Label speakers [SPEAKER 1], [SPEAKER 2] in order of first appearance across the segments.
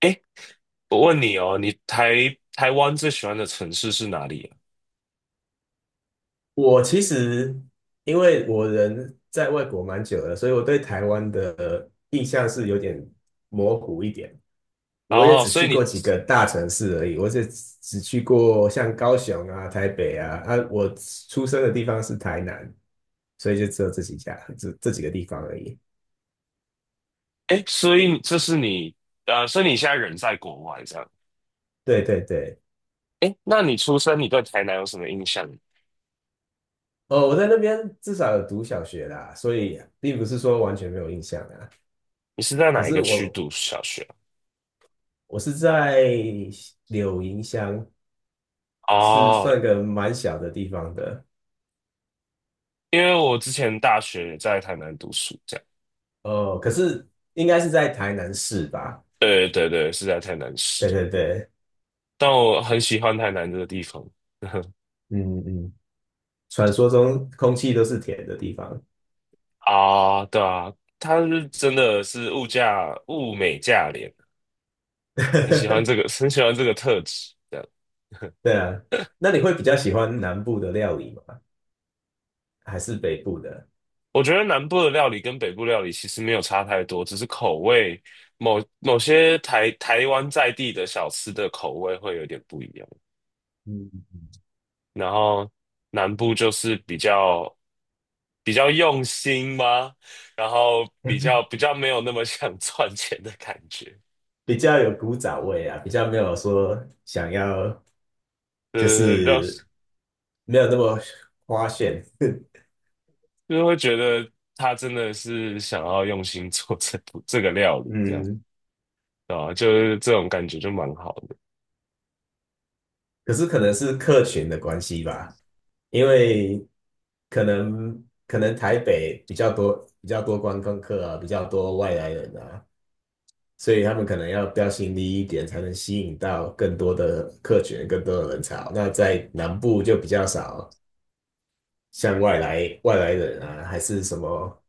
[SPEAKER 1] 哎，我问你哦，你台湾最喜欢的城市是哪里
[SPEAKER 2] 我其实因为我人在外国蛮久了，所以我对台湾的印象是有点模糊一点。我也
[SPEAKER 1] 啊？哦，
[SPEAKER 2] 只
[SPEAKER 1] 所以
[SPEAKER 2] 去过
[SPEAKER 1] 你，
[SPEAKER 2] 几个大城市而已，我只去过像高雄啊、台北啊，我出生的地方是台南，所以就只有这几家、这几个地方而已。
[SPEAKER 1] 哎，所以这是你，所以你现在人在国外这样。
[SPEAKER 2] 对对对，
[SPEAKER 1] 哎，那你出生，你对台南有什么印象？
[SPEAKER 2] 哦，我在那边至少有读小学啦，所以并不是说完全没有印象啊。
[SPEAKER 1] 你是在
[SPEAKER 2] 可
[SPEAKER 1] 哪一
[SPEAKER 2] 是
[SPEAKER 1] 个区
[SPEAKER 2] 我
[SPEAKER 1] 读小学
[SPEAKER 2] 我是在柳营乡，
[SPEAKER 1] 啊？
[SPEAKER 2] 是
[SPEAKER 1] 哦，
[SPEAKER 2] 算个蛮小的地方的
[SPEAKER 1] 因为我之前大学也在台南读书，这样。
[SPEAKER 2] 哦，可是应该是在台南市吧？
[SPEAKER 1] 对对对，是在台南
[SPEAKER 2] 对
[SPEAKER 1] 市，
[SPEAKER 2] 对对，
[SPEAKER 1] 但我很喜欢台南这个地方。
[SPEAKER 2] 嗯嗯，传说中空气都是甜的地方。
[SPEAKER 1] 啊，对啊，它是真的是物美价廉。很喜欢这个特质。这样，
[SPEAKER 2] 对啊，那你会比较喜欢南部的料理吗？还是北部的？
[SPEAKER 1] 我觉得南部的料理跟北部料理其实没有差太多，只是口味，某些台湾在地的小吃的口味会有点不一样。
[SPEAKER 2] 嗯，
[SPEAKER 1] 然后南部就是比较用心吗？然后比
[SPEAKER 2] 嗯
[SPEAKER 1] 较比较没有那么想赚钱的感觉，
[SPEAKER 2] 比较有古早味啊，比较没有说想要 就
[SPEAKER 1] 呃，比较
[SPEAKER 2] 是没有那么花炫。
[SPEAKER 1] 就是会觉得他真的是想要用心做这个料理，这样
[SPEAKER 2] 嗯，
[SPEAKER 1] 啊，就是这种感觉就蛮好的。
[SPEAKER 2] 可是可能是客群的关系吧，因为可能台北比较多观光客啊，比较多外来人啊，所以他们可能要标新立异一点，才能吸引到更多的客群、更多的人潮。那在南部就比较少，像外来人啊，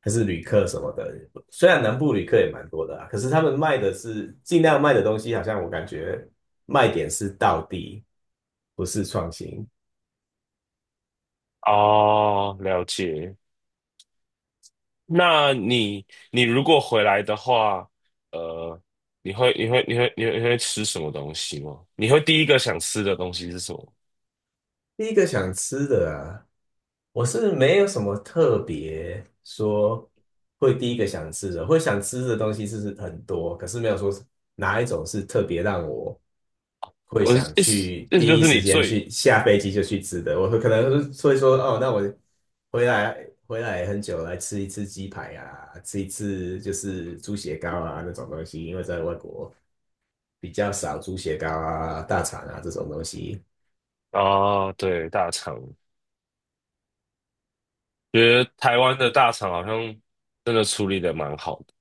[SPEAKER 2] 还是旅客什么的。虽然南部旅客也蛮多的啊，可是他们卖的是尽量卖的东西，好像我感觉卖点是道地，不是创新。
[SPEAKER 1] 哦，了解。那你如果回来的话，呃，你会吃什么东西吗？你会第一个想吃的东西是什么？
[SPEAKER 2] 第一个想吃的啊，我是没有什么特别说会第一个想吃的，会想吃的东西是很多，可是没有说哪一种是特别让我会
[SPEAKER 1] 我是
[SPEAKER 2] 想
[SPEAKER 1] 意思
[SPEAKER 2] 去
[SPEAKER 1] 意思就
[SPEAKER 2] 第一
[SPEAKER 1] 是你
[SPEAKER 2] 时间
[SPEAKER 1] 最
[SPEAKER 2] 去下飞机就去吃的。我会可能会说哦，那我回来很久来吃一次鸡排啊，吃一次就是猪血糕啊那种东西，因为在外国比较少猪血糕啊、大肠啊这种东西。
[SPEAKER 1] 啊，对，大肠，觉得台湾的大肠好像真的处理的蛮好的，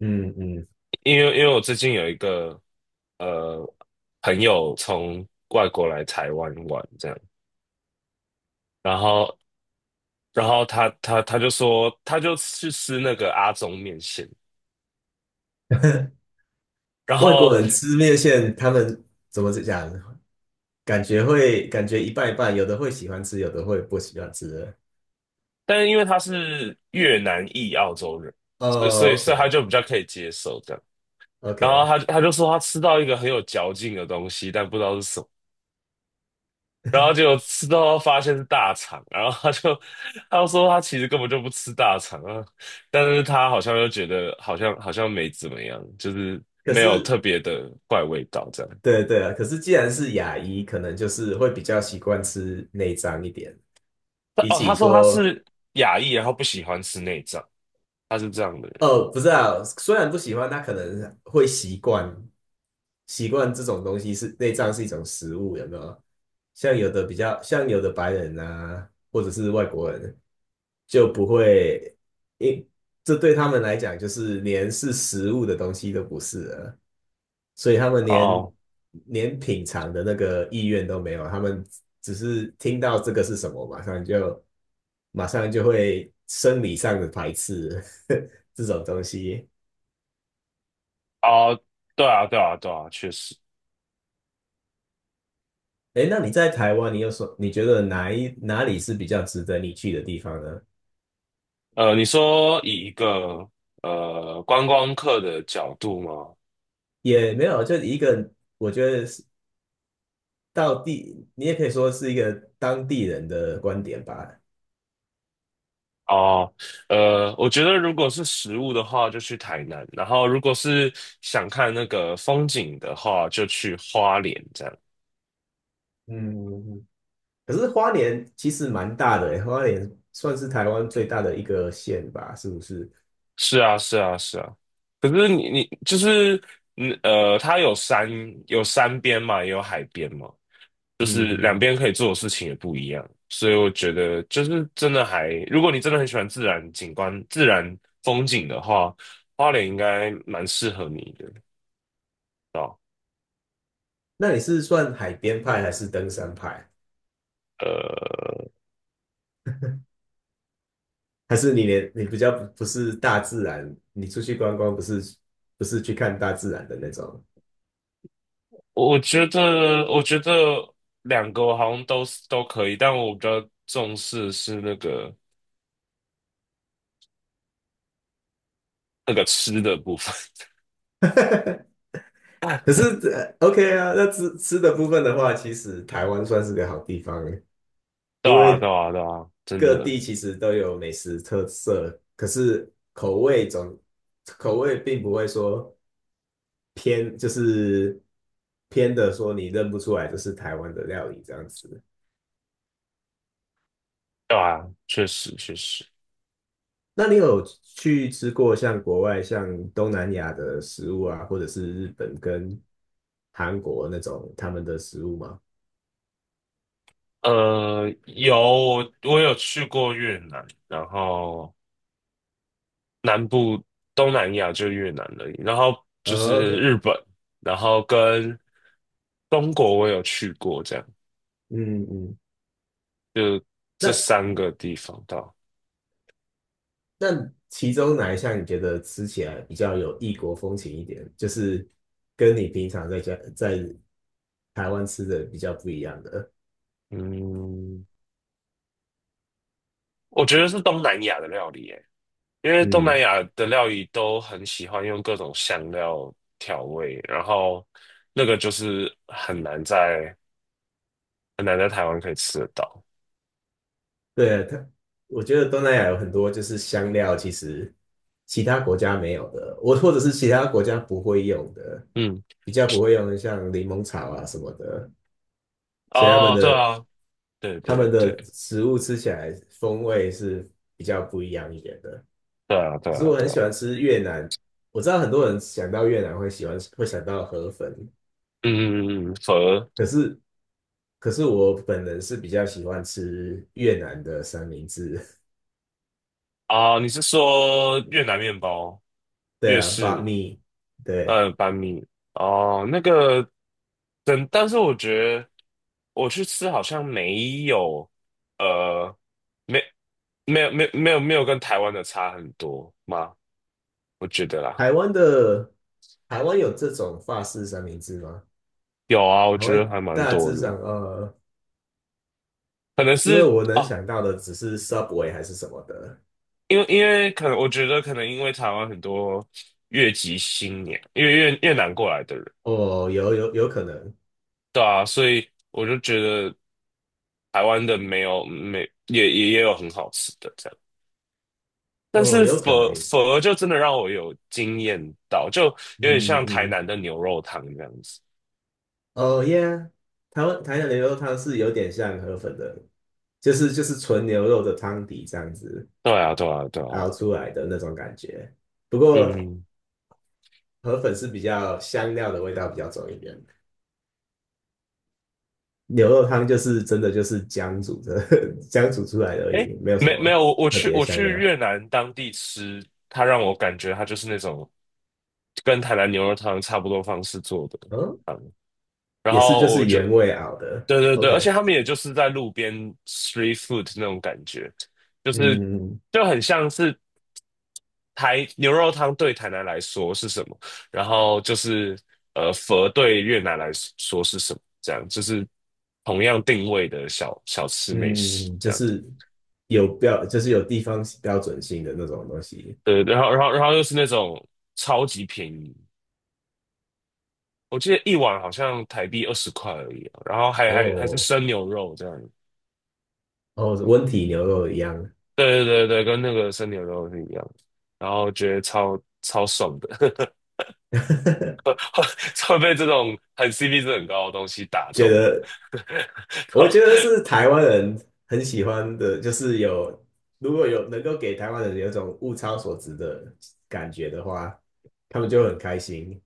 [SPEAKER 2] 嗯嗯，
[SPEAKER 1] 因为我最近有一个呃朋友从外国来台湾玩这样，然后然后他就说他就去吃那个阿中面线。然
[SPEAKER 2] 外国
[SPEAKER 1] 后，
[SPEAKER 2] 人吃面线，他们怎么讲？感觉会感觉一半一半，有的会喜欢吃，有的会不喜欢吃。
[SPEAKER 1] 但是因为他是越南裔澳洲人，所以所以
[SPEAKER 2] 哦
[SPEAKER 1] 所以他
[SPEAKER 2] ，OK
[SPEAKER 1] 就比较可以接受这样。然后
[SPEAKER 2] OK，
[SPEAKER 1] 他就说他吃到一个很有嚼劲的东西，但不知道是什么。然后结果吃到发现是大肠，然后他就 他就说他其实根本就不吃大肠啊，但是他好像又觉得好像没怎么样，就是
[SPEAKER 2] 可
[SPEAKER 1] 没有
[SPEAKER 2] 是
[SPEAKER 1] 特别的怪味道这样。
[SPEAKER 2] 对对啊，可是既然是亚裔，可能就是会比较习惯吃内脏一点，
[SPEAKER 1] 他
[SPEAKER 2] 比
[SPEAKER 1] 哦，他
[SPEAKER 2] 起
[SPEAKER 1] 说他
[SPEAKER 2] 说
[SPEAKER 1] 是亚裔，然后不喜欢吃内脏，他是这样的人。
[SPEAKER 2] 哦，不知道，虽然不喜欢，他可能会习惯这种东西是内脏是一种食物，有没有？像有的比较，像有的白人啊，或者是外国人就不会，因这对他们来讲就是连是食物的东西都不是了。所以他们连
[SPEAKER 1] 哦
[SPEAKER 2] 连品尝的那个意愿都没有，他们只是听到这个是什么，马上就会生理上的排斥 这种东西。
[SPEAKER 1] 哦，对啊对啊对啊，确实。
[SPEAKER 2] 哎，那你在台湾，你有什你觉得哪里是比较值得你去的地方呢？
[SPEAKER 1] 你说以一个观光客的角度吗？
[SPEAKER 2] 也没有，就一个我觉得是到地，你也可以说是一个当地人的观点吧。
[SPEAKER 1] 哦，我觉得如果是食物的话，就去台南；然后如果是想看那个风景的话，就去花莲。这样
[SPEAKER 2] 嗯，可是花莲其实蛮大的欸，花莲算是台湾最大的一个县吧，是不是？
[SPEAKER 1] 是啊，是啊，是啊。可是你就是它有山边嘛，也有海边嘛。就是两
[SPEAKER 2] 嗯，
[SPEAKER 1] 边可以做的事情也不一样，所以我觉得就是真的还，如果你真的很喜欢自然景观、自然风景的话，花莲应该蛮适合你的。
[SPEAKER 2] 那你是算海边派还是登山派？
[SPEAKER 1] 呃，
[SPEAKER 2] 还是你比较不是大自然，你出去观光不是不是去看大自然的那种？
[SPEAKER 1] 我觉得两个我好像都是都可以，但我比较重视是那个吃的部分。
[SPEAKER 2] 可是呃 OK 啊，那吃的部分的话，其实台湾算是个好地方欸，
[SPEAKER 1] 对
[SPEAKER 2] 因
[SPEAKER 1] 啊，对
[SPEAKER 2] 为
[SPEAKER 1] 啊，对啊，真
[SPEAKER 2] 各
[SPEAKER 1] 的，
[SPEAKER 2] 地其实都有美食特色，可是口味并不会说。偏就是偏的说你认不出来这是台湾的料理这样子。
[SPEAKER 1] 对啊，确实确实。
[SPEAKER 2] 那你有去吃过像国外像东南亚的食物啊，或者是日本跟韩国那种他们的食物吗？
[SPEAKER 1] 有我有去过越南，然后南部东南亚就越南而已，然后就
[SPEAKER 2] 呃
[SPEAKER 1] 是
[SPEAKER 2] ，OK,
[SPEAKER 1] 日本，然后跟中国我有去过，这样
[SPEAKER 2] 嗯嗯，
[SPEAKER 1] 这
[SPEAKER 2] 那
[SPEAKER 1] 三个地方到，
[SPEAKER 2] 那其中哪一项你觉得吃起来比较有异国风情一点，就是跟你平常在家在台湾吃的比较不一样的？
[SPEAKER 1] 嗯，我觉得是东南亚的料理耶，因为东南
[SPEAKER 2] 嗯，
[SPEAKER 1] 亚的料理都很喜欢用各种香料调味，然后那个就是很难在台湾可以吃得到，
[SPEAKER 2] 对，我觉得东南亚有很多就是香料，其实其他国家没有的，我或者是其他国家不会用的，
[SPEAKER 1] 嗯，
[SPEAKER 2] 比较不会用的，像柠檬草啊什么的，所以他们
[SPEAKER 1] 哦，对
[SPEAKER 2] 的
[SPEAKER 1] 啊，对
[SPEAKER 2] 他们
[SPEAKER 1] 对
[SPEAKER 2] 的
[SPEAKER 1] 对。
[SPEAKER 2] 食物吃起来风味是比较不一样一点的。
[SPEAKER 1] 对啊，对
[SPEAKER 2] 可是
[SPEAKER 1] 啊，
[SPEAKER 2] 我
[SPEAKER 1] 对
[SPEAKER 2] 很
[SPEAKER 1] 啊，
[SPEAKER 2] 喜欢吃越南，我知道很多人想到越南会喜欢会想到河粉，
[SPEAKER 1] 嗯嗯嗯，嗯，佛
[SPEAKER 2] 可是可是我本人是比较喜欢吃越南的三明治，
[SPEAKER 1] 啊，你是说越南面包、
[SPEAKER 2] 对
[SPEAKER 1] 越
[SPEAKER 2] 啊 b u t
[SPEAKER 1] 式
[SPEAKER 2] m e 对。
[SPEAKER 1] 板米哦？那个，但是我觉得我去吃好像没有，呃，没没有跟台湾的差很多吗？我觉得啦，
[SPEAKER 2] 台湾的台湾有这种法式三明治吗？
[SPEAKER 1] 有啊，我
[SPEAKER 2] 台
[SPEAKER 1] 觉得
[SPEAKER 2] 湾
[SPEAKER 1] 还蛮
[SPEAKER 2] 大
[SPEAKER 1] 多
[SPEAKER 2] 致
[SPEAKER 1] 的，
[SPEAKER 2] 上，
[SPEAKER 1] 可能
[SPEAKER 2] 因为
[SPEAKER 1] 是
[SPEAKER 2] 我能
[SPEAKER 1] 哦，
[SPEAKER 2] 想到的只是 Subway 还是什么的。
[SPEAKER 1] 因为可能我觉得可能因为台湾很多越籍新年，因为越南过来的人，
[SPEAKER 2] 哦，有有有可能，
[SPEAKER 1] 对啊，所以我就觉得。台湾的没有没也有很好吃的这样，但
[SPEAKER 2] 哦，
[SPEAKER 1] 是
[SPEAKER 2] 有可能，
[SPEAKER 1] 佛
[SPEAKER 2] 嗯
[SPEAKER 1] 佛就真的让我有惊艳到，就有点
[SPEAKER 2] 嗯，
[SPEAKER 1] 像台
[SPEAKER 2] 嗯
[SPEAKER 1] 南的牛肉汤这样子。
[SPEAKER 2] 哦耶。e a 台湾台南牛肉汤是有点像河粉的，就是纯牛肉的汤底这样子
[SPEAKER 1] 对啊，对啊，对啊，
[SPEAKER 2] 熬出来的那种感觉。不过
[SPEAKER 1] 嗯，
[SPEAKER 2] 河粉是比较香料的味道比较重一点。牛肉汤就是真的就是姜煮的，姜煮出来的而
[SPEAKER 1] 哎，
[SPEAKER 2] 已，没有什
[SPEAKER 1] 没
[SPEAKER 2] 么
[SPEAKER 1] 没有，我我
[SPEAKER 2] 特
[SPEAKER 1] 去
[SPEAKER 2] 别的
[SPEAKER 1] 我
[SPEAKER 2] 香
[SPEAKER 1] 去
[SPEAKER 2] 料。
[SPEAKER 1] 越南当地吃，它让我感觉它就是那种跟台南牛肉汤差不多方式做的
[SPEAKER 2] 嗯，
[SPEAKER 1] 汤，然
[SPEAKER 2] 也是就
[SPEAKER 1] 后我
[SPEAKER 2] 是
[SPEAKER 1] 就
[SPEAKER 2] 原味熬的。
[SPEAKER 1] 对对对，而且
[SPEAKER 2] OK,
[SPEAKER 1] 他们也就是在路边 street food 那种感觉，就是
[SPEAKER 2] 嗯
[SPEAKER 1] 就很像是台牛肉汤对台南来说是什么，然后就是佛对越南来说是什么，这样就是同样定位的小吃美食
[SPEAKER 2] 嗯，
[SPEAKER 1] 这
[SPEAKER 2] 就
[SPEAKER 1] 样。
[SPEAKER 2] 是有标，就是有地方标准性的那种东西。
[SPEAKER 1] 对，然后又是那种超级便宜，我记得一碗好像台币20块而已啊，然后还是
[SPEAKER 2] 哦，
[SPEAKER 1] 生牛肉这样。
[SPEAKER 2] 哦，温体牛肉一样，
[SPEAKER 1] 对对对对，跟那个生牛肉是一样的，然后觉得超爽的，会被这种很 CP 值很高的东西打
[SPEAKER 2] 觉
[SPEAKER 1] 动。
[SPEAKER 2] 得我觉得 是台湾人很喜欢的，就是有如果有能够给台湾人有一种物超所值的感觉的话，他们就会很开心。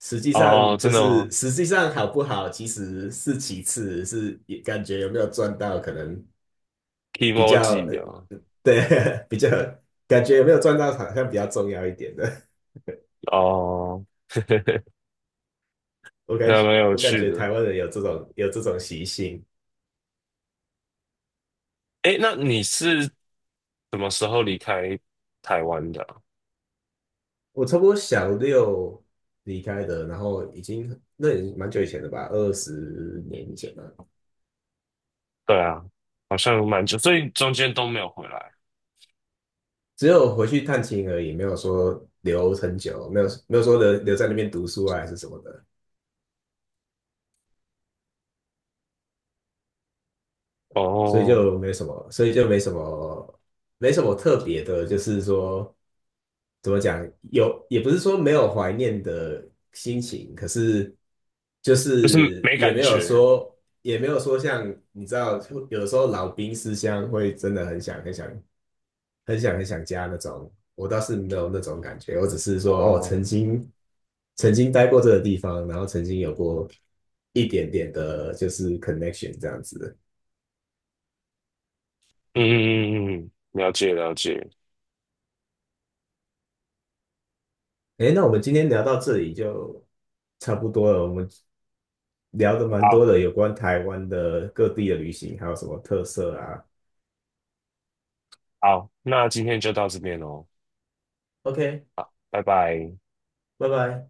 [SPEAKER 2] 实际
[SPEAKER 1] 哦，
[SPEAKER 2] 上就
[SPEAKER 1] 真的
[SPEAKER 2] 是
[SPEAKER 1] 吗
[SPEAKER 2] 实际上好不好，其实是其次，是也感觉有没有赚到，可能比较
[SPEAKER 1] ？Kimoji
[SPEAKER 2] 呃
[SPEAKER 1] 啊，
[SPEAKER 2] 对 比较感觉有没有赚到，好像比较重要一点的。
[SPEAKER 1] 哦，
[SPEAKER 2] 我感
[SPEAKER 1] 还
[SPEAKER 2] 觉
[SPEAKER 1] 蛮有
[SPEAKER 2] 我感
[SPEAKER 1] 趣
[SPEAKER 2] 觉
[SPEAKER 1] 的。
[SPEAKER 2] 台湾人有这种有这种习性。
[SPEAKER 1] 诶，那你是什么时候离开台湾的啊？
[SPEAKER 2] 我差不多小六离开的，然后已经那也蛮久以前的吧，20年以前了。
[SPEAKER 1] 对啊，好像蛮久，所以中间都没有回来。
[SPEAKER 2] 只有回去探亲而已，没有说留很久，没有说留留在那边读书啊，还是什么的。所以
[SPEAKER 1] 哦，
[SPEAKER 2] 就没什么，所以就没什么，没什么特别的，就是说怎么讲，有也不是说没有怀念的心情，可是就
[SPEAKER 1] 就是
[SPEAKER 2] 是
[SPEAKER 1] 没
[SPEAKER 2] 也
[SPEAKER 1] 感
[SPEAKER 2] 没有
[SPEAKER 1] 觉。
[SPEAKER 2] 说，也没有说像你知道，有的时候老兵思乡会真的很想家那种，我倒是没有那种感觉，我只是说哦，
[SPEAKER 1] 哦，
[SPEAKER 2] 曾经待过这个地方，然后曾经有过一点点的，就是 connection 这样子。
[SPEAKER 1] 嗯嗯嗯嗯，嗯了解了解。
[SPEAKER 2] 诶，那我们今天聊到这里就差不多了。我们聊的蛮多
[SPEAKER 1] 好，
[SPEAKER 2] 的，有关台湾的各地的旅行，还有什么特色啊
[SPEAKER 1] 好，那今天就到这边喽。
[SPEAKER 2] ？OK,
[SPEAKER 1] 好，拜拜。
[SPEAKER 2] 拜拜。